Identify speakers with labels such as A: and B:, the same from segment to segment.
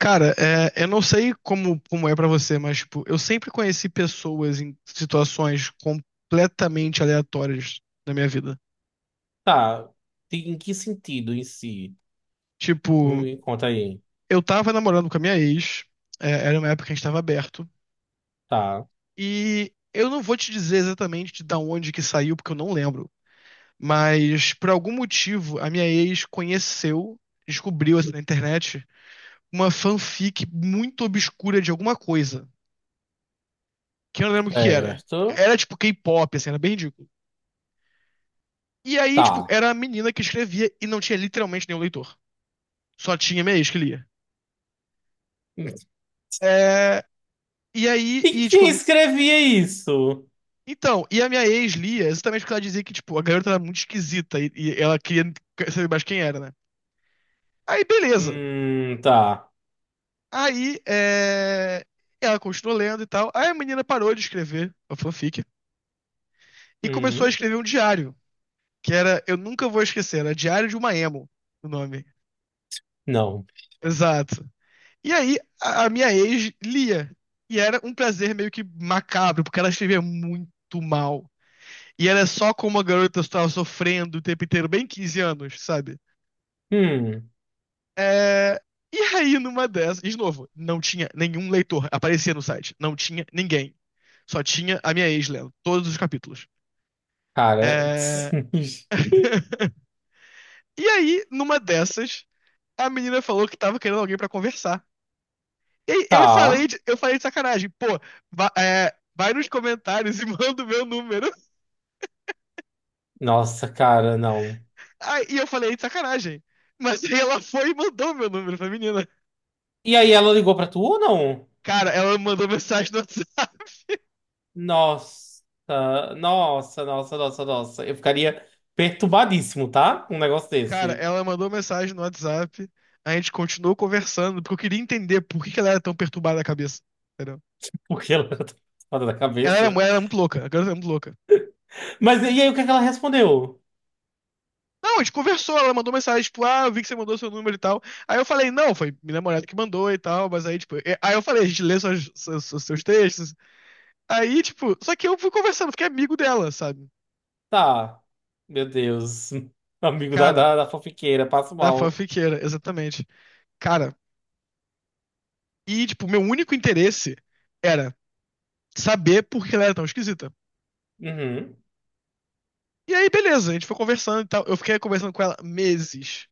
A: Cara, eu não sei como é pra você, mas tipo, eu sempre conheci pessoas em situações completamente aleatórias na minha vida.
B: Tá. Em que sentido em si?
A: Tipo,
B: Me conta aí.
A: eu tava namorando com a minha ex, era uma época que a gente tava aberto,
B: Tá.
A: e eu não vou te dizer exatamente de da onde que saiu, porque eu não lembro, mas por algum motivo a minha ex conheceu, descobriu assim, na internet, uma fanfic muito obscura de alguma coisa, que eu não lembro o que que era.
B: Certo.
A: Era tipo K-pop, assim, era bem ridículo. E aí, tipo,
B: Tá.
A: era a menina que escrevia e não tinha literalmente nenhum leitor. Só tinha minha ex que lia. É, e aí,
B: E
A: e tipo,
B: quem escrevia isso?
A: então, e a minha ex lia exatamente porque ela dizia que, tipo, a garota era muito esquisita e ela queria saber mais quem era, né? Aí, beleza.
B: Tá.
A: Aí, ela continuou lendo e tal. Aí a menina parou de escrever a fanfic e começou a
B: Hum,
A: escrever um diário, que era, eu nunca vou esquecer, era Diário de uma Emo, o nome.
B: não.
A: Exato. E aí, a minha ex lia. E era um prazer meio que macabro, porque ela escrevia muito mal. E era só como a garota estava sofrendo o tempo inteiro, bem 15 anos, sabe?
B: Hum,
A: É, E aí, numa dessas, e de novo, não tinha nenhum leitor, aparecia no site, não tinha ninguém. Só tinha a minha ex lendo todos os capítulos.
B: cara.
A: É, E aí, numa dessas, a menina falou que tava querendo alguém pra conversar. E Eu
B: Tá.
A: falei de, eu falei de sacanagem. Pô, vai nos comentários e manda o meu número.
B: Nossa, cara, não.
A: Aí, e eu falei de sacanagem. Mas aí ela foi e mandou o meu número pra menina.
B: E aí, ela ligou pra tu ou não?
A: Cara, ela mandou mensagem no WhatsApp.
B: Nossa, nossa, nossa, nossa, nossa. Eu ficaria perturbadíssimo, tá? Com um negócio
A: Cara,
B: desse.
A: ela mandou mensagem no WhatsApp. A gente continuou conversando, porque eu queria entender por que que ela era tão perturbada da cabeça. Entendeu?
B: Porque ela tá fora da
A: Ela era,
B: cabeça.
A: ela era muito louca, a garota era muito louca.
B: Mas e aí, o que é que ela respondeu?
A: Não, a gente conversou, ela mandou mensagem, tipo, ah, eu vi que você mandou seu número e tal. Aí eu falei, não, foi minha namorada que mandou e tal, mas aí, tipo, aí eu falei, a gente lê seus textos. Aí, tipo, só que eu fui conversando, fiquei amigo dela, sabe?
B: Tá. Meu Deus. Amigo da,
A: Cara,
B: da, da fofiqueira, passo
A: da
B: mal.
A: fanfiqueira, exatamente. Cara, e, tipo, meu único interesse era saber por que ela era tão esquisita.
B: Uhum.
A: E aí, beleza, a gente foi conversando e tal. Eu fiquei conversando com ela meses.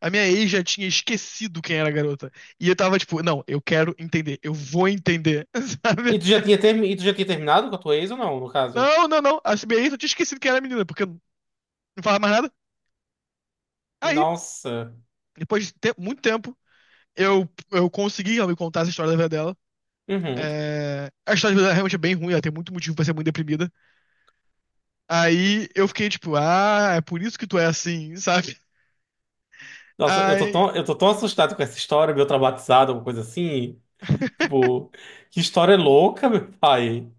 A: A minha ex já tinha esquecido quem era a garota. E eu tava tipo, não, eu quero entender, eu vou entender, sabe?
B: E tu já tinha, termi... e tu já tinha terminado com a tua ex ou não, no caso?
A: Não, não, não. A minha ex eu tinha esquecido quem era a menina, porque não falava mais nada. Aí,
B: Nossa.
A: depois de muito tempo, eu consegui ela me contar essa história da vida dela.
B: Uhum.
A: A história dela realmente é bem ruim, ela tem muito motivo pra ser muito deprimida. Aí eu fiquei tipo, ah, é por isso que tu é assim, sabe?
B: Nossa, eu tô
A: Aí,
B: tão, eu tô tão assustado com essa história, meio traumatizado, alguma coisa assim. Tipo, que história louca, meu pai.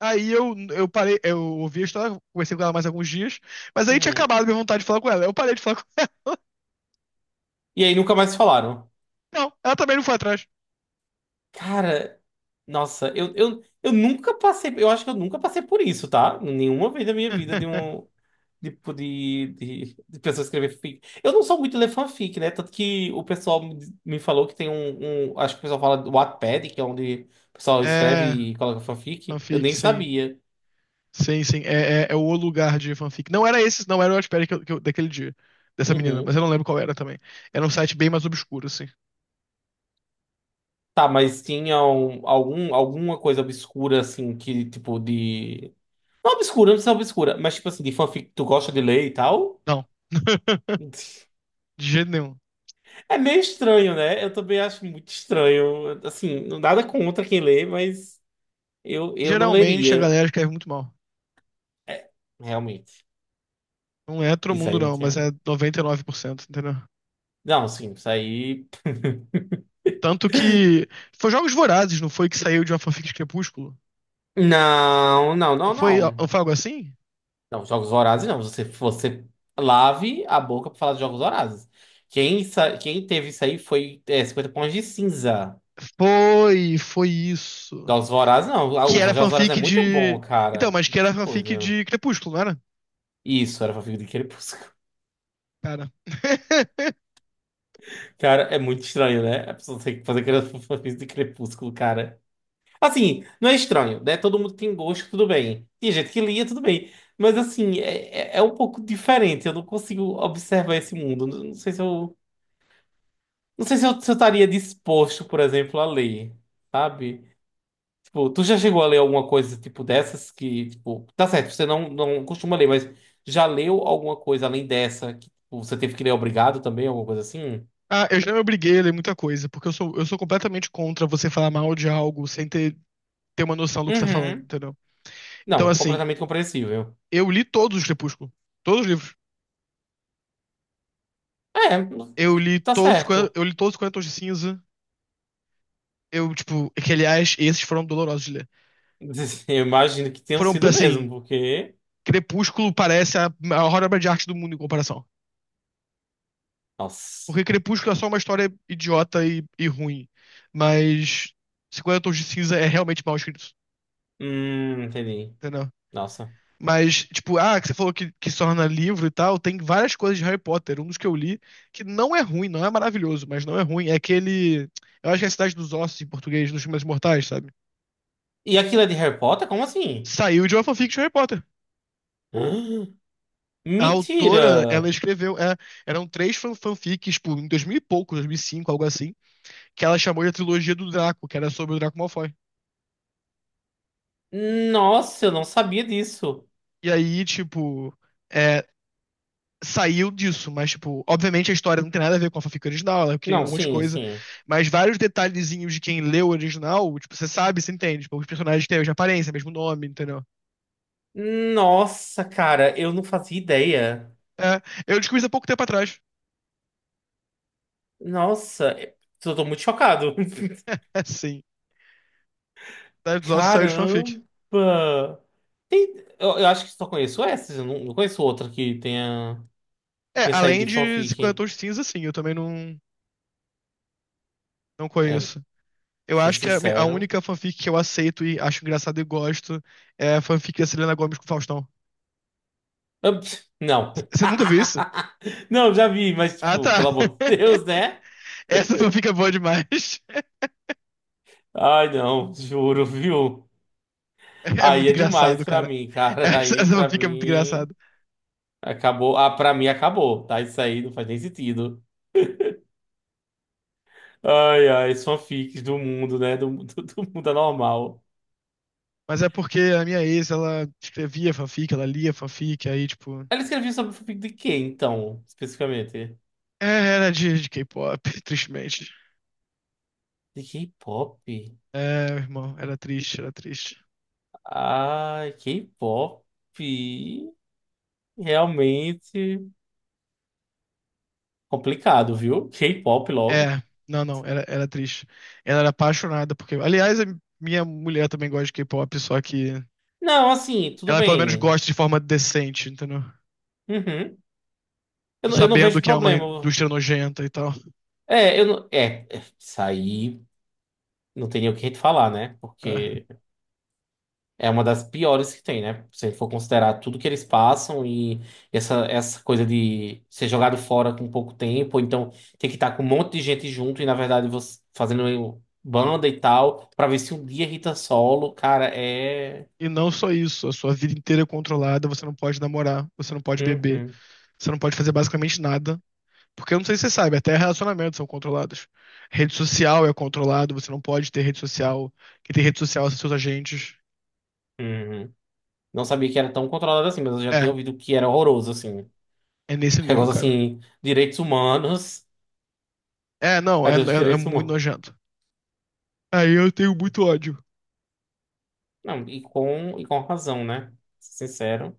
A: aí, eu parei, eu ouvi a história, conversei com ela mais alguns dias, mas aí tinha
B: Uhum.
A: acabado minha vontade de falar com ela. Eu parei de falar com ela.
B: E aí nunca mais se falaram.
A: Não, ela também não foi atrás.
B: Cara, nossa, eu nunca passei. Eu acho que eu nunca passei por isso, tá? Nenhuma vez da minha vida de um. Tipo de pessoa escrever fic. Eu não sou muito ler fanfic, né? Tanto que o pessoal me falou que tem um, acho que o pessoal fala do Wattpad, que é onde o pessoal escreve
A: É,
B: e coloca fanfic. Eu
A: Fanfic,
B: nem
A: sim.
B: sabia.
A: Sim, sim. É o lugar de fanfic. Não era esse, não era o Wattpad, daquele dia, dessa menina, mas
B: Uhum.
A: eu não lembro qual era também. Era um site bem mais obscuro, assim.
B: Tá, mas tinha alguma coisa obscura, assim, que tipo de. Não obscura, não precisa ser obscura, mas tipo assim, de fanfic que tu gosta de ler e tal.
A: Não. De jeito nenhum.
B: É meio estranho, né? Eu também acho muito estranho. Assim, nada contra quem lê, mas eu não
A: Geralmente a
B: leria.
A: galera escreve muito mal.
B: É, realmente.
A: Não é todo
B: Isso
A: mundo,
B: aí não
A: não, mas
B: tinha.
A: é 99%, entendeu?
B: Não, sim, isso aí.
A: Tanto que. Foi Jogos Vorazes, não foi que saiu de uma fanfic de Crepúsculo?
B: Não, não,
A: Não
B: não,
A: foi, não
B: não.
A: foi algo assim?
B: Não, Jogos Vorazes não. Você lave a boca pra falar de Jogos Vorazes. Quem teve isso aí foi 50 pontos de cinza.
A: Foi, foi isso.
B: Jogos Vorazes não. Ah,
A: Que
B: o
A: era
B: Jogos Vorazes é
A: fanfic
B: muito bom,
A: de. Então,
B: cara.
A: mas que
B: Que
A: era fanfic
B: coisa.
A: de Crepúsculo, não era?
B: Isso, era fanfic de Crepúsculo.
A: Cara.
B: Cara, é muito estranho, né? A pessoa tem que fazer aquela fanfic de Crepúsculo, cara. Assim, não é estranho, né? Todo mundo tem gosto, tudo bem. Tem gente que lia, tudo bem. Mas assim, é um pouco diferente. Eu não consigo observar esse mundo. Não sei se eu estaria disposto, por exemplo, a ler, sabe? Tipo, tu já chegou a ler alguma coisa tipo dessas que, tipo, tá certo, você não costuma ler, mas já leu alguma coisa além dessa que tipo, você teve que ler obrigado também, alguma coisa assim?
A: Ah, eu já me obriguei a ler muita coisa, porque eu sou completamente contra você falar mal de algo sem ter uma noção do que você tá falando,
B: Uhum.
A: entendeu? Então,
B: Não,
A: assim,
B: completamente compreensível.
A: eu li todos os Crepúsculo. Todos os livros.
B: É,
A: Eu li
B: tá
A: todos, os 40
B: certo.
A: eu li todos os 40 Tons de Cinza. Eu, tipo, que aliás, esses foram dolorosos de ler.
B: Eu imagino que tenham
A: Foram,
B: sido
A: assim,
B: mesmo, porque.
A: Crepúsculo parece a maior obra de arte do mundo em comparação.
B: Nossa.
A: Porque Crepúsculo é só uma história idiota e ruim. Mas 50 Tons de Cinza é realmente mal escrito,
B: Entendi.
A: entendeu?
B: Nossa.
A: Mas, tipo, ah, que você falou que se torna livro e tal, tem várias coisas de Harry Potter. Um dos que eu li, que não é ruim, não é maravilhoso, mas não é ruim. É aquele. Eu acho que é a Cidade dos Ossos em português, nos filmes mortais, sabe?
B: E aquilo é de Harry Potter? Como assim?
A: Saiu de uma fanfic de Harry Potter. A
B: Mentira!
A: autora, ela escreveu, eram três fanfics, tipo, em 2000 e pouco, 2005, algo assim, que ela chamou de a trilogia do Draco, que era sobre o Draco Malfoy.
B: Nossa, eu não sabia disso.
A: E aí, tipo, é, saiu disso, mas, tipo, obviamente a história não tem nada a ver com a fanfic original, ela criou
B: Não,
A: um monte de
B: sim,
A: coisa,
B: sim.
A: mas vários detalhezinhos de quem leu o original, tipo, você sabe, você entende, tipo, os personagens têm a mesma aparência, mesmo nome, entendeu?
B: Nossa, cara, eu não fazia ideia.
A: É, eu descobri isso há pouco tempo atrás.
B: Nossa, eu tô muito chocado.
A: Sim. Cidade dos Ossos saiu de fanfic.
B: Caramba! Eu acho que só conheço essas, eu não conheço outra que tenha, tenha saído
A: Além
B: de
A: de 50
B: fanfic.
A: Tons de Cinza, sim, eu também não, não
B: É,
A: conheço. Eu
B: ser
A: acho que a
B: sincero.
A: única fanfic que eu aceito e acho engraçado e gosto é a fanfic da Selena Gomez com o Faustão.
B: Ah, pss, não.
A: Você nunca viu isso?
B: Não, já vi, mas,
A: Ah,
B: tipo,
A: tá.
B: pelo amor de Deus, né?
A: Essa fanfic é boa demais.
B: Ai, não, juro, viu?
A: É
B: Aí
A: muito
B: é
A: engraçado,
B: demais pra
A: cara.
B: mim, cara.
A: Essa,
B: Aí
A: essa
B: pra
A: fanfic é muito
B: mim
A: engraçado.
B: acabou. Ah, pra mim acabou, tá? Isso aí não faz nem sentido. Ai, ai, os fanfics do mundo, né? Do, do mundo anormal.
A: Mas é porque a minha ex, ela escrevia fanfic, ela lia fanfic, aí, tipo.
B: Ela escreveu sobre fanfic de quem, então, especificamente?
A: Era de K-pop, tristemente.
B: De K-pop?
A: Meu irmão, era triste, era triste.
B: Ai, K-pop. Realmente complicado, viu? K-pop logo.
A: É, não, não, era triste. Ela era apaixonada porque. Aliás, a minha mulher também gosta de K-pop, só que
B: Não, assim, tudo
A: ela pelo menos
B: bem.
A: gosta de forma decente, entendeu?
B: Uhum. Eu não
A: Sabendo
B: vejo
A: que é uma
B: problema.
A: indústria nojenta e tal.
B: É, eu não. É, isso aí não tem nem o que te falar, né?
A: É.
B: Porque é uma das piores que tem, né? Se a gente for considerar tudo que eles passam e essa coisa de ser jogado fora com pouco tempo, ou então ter que estar com um monte de gente junto e, na verdade, você fazendo banda e tal, pra ver se um dia Rita solo, cara, é.
A: E não só isso, a sua vida inteira é controlada, você não pode namorar, você não pode beber,
B: Uhum,
A: você não pode fazer basicamente nada. Porque eu não sei se você sabe, até relacionamentos são controlados. Rede social é controlado, você não pode ter rede social. Quem tem rede social são seus agentes.
B: uhum. Não sabia que era tão controlado assim, mas eu já tinha
A: É,
B: ouvido que era horroroso, assim.
A: É nesse nível,
B: Negócio
A: cara.
B: assim, direitos humanos,
A: Não, é,
B: cadê os
A: é, é
B: direitos
A: muito
B: humanos?
A: nojento. Aí eu tenho muito ódio.
B: Não, e com razão, né? Sincero,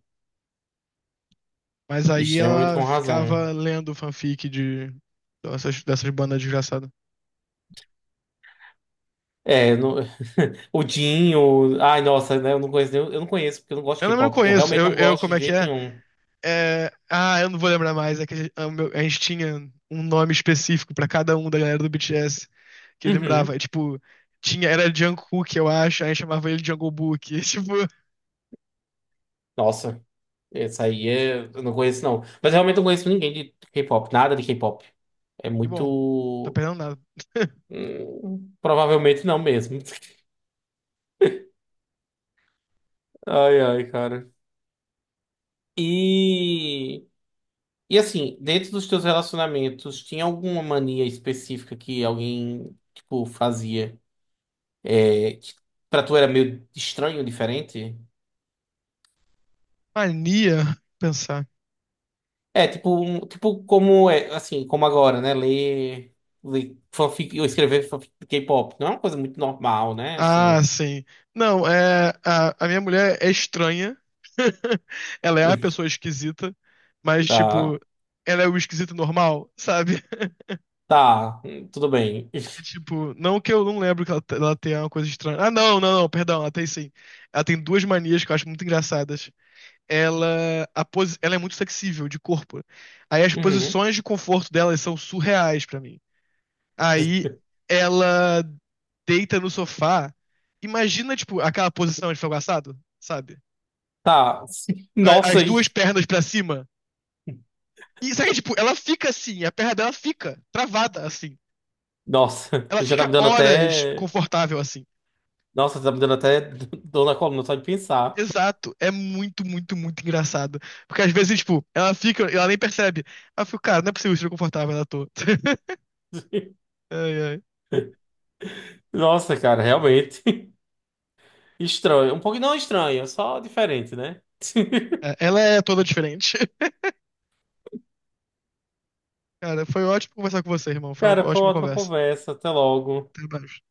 A: Mas aí
B: extremamente
A: ela
B: com razão.
A: ficava lendo fanfic de dessas bandas desgraçadas.
B: É, o Dinho, ai, nossa, né, eu não conheço, eu não conheço porque eu não gosto de
A: Eu não
B: K-pop. Eu
A: conheço.
B: realmente
A: Eu,
B: não
A: eu,
B: gosto
A: como
B: de
A: é que
B: jeito
A: é?
B: nenhum.
A: Ah, eu não vou lembrar mais. É que a gente tinha um nome específico pra cada um da galera do BTS que eu lembrava.
B: Uhum.
A: Tipo, tinha, era Jungkook, eu acho. A gente chamava ele de Jungle Book. Tipo,
B: Nossa, essa aí é, eu não conheço não. Mas realmente não conheço ninguém de K-pop, nada de K-pop. É
A: que bom. Tá
B: muito.
A: perdendo nada.
B: Provavelmente não mesmo. Ai, ai, cara. E. E assim, dentro dos teus relacionamentos, tinha alguma mania específica que alguém, tipo, fazia? É, que pra tu era meio estranho, diferente?
A: Mania? Pensar.
B: É, tipo, tipo como é, assim, como agora, né? Ler, fanfic, eu escrever fanfic de K-pop. Não é uma coisa muito normal, né?
A: Ah,
B: Assim,
A: sim. Não, a minha mulher é estranha. Ela é a pessoa esquisita, mas,
B: tá,
A: tipo, ela é o esquisito normal, sabe?
B: tá, tudo bem.
A: Tipo, não que eu não lembro que ela, ela tenha uma coisa estranha. Ah, não, não, não, perdão, ela tem sim. Ela tem duas manias que eu acho muito engraçadas. Ela, ela é muito flexível de corpo. Aí as
B: Uhum.
A: posições de conforto dela são surreais pra mim. Aí ela deita no sofá. Imagina, tipo, aquela posição de frango assado, sabe?
B: Tá, nossa,
A: As
B: aí.
A: duas pernas pra cima. E sabe, tipo, ela fica assim, a perna dela fica travada assim.
B: Nossa,
A: Ela
B: já tá
A: fica
B: me dando
A: horas
B: até.
A: confortável assim.
B: Nossa, tá me dando até dor na coluna só de pensar.
A: Exato, é muito, muito, muito engraçado. Porque às vezes, tipo, ela nem percebe. Ela fica, cara, não é possível ser confortável na toa. Ai, ai.
B: Nossa, cara, realmente. Estranho. Um pouco não estranho, só diferente, né?
A: Ela é toda diferente. Cara, foi ótimo conversar com você, irmão. Foi uma
B: Cara, foi uma
A: ótima
B: ótima
A: conversa.
B: conversa. Até logo.
A: Até mais.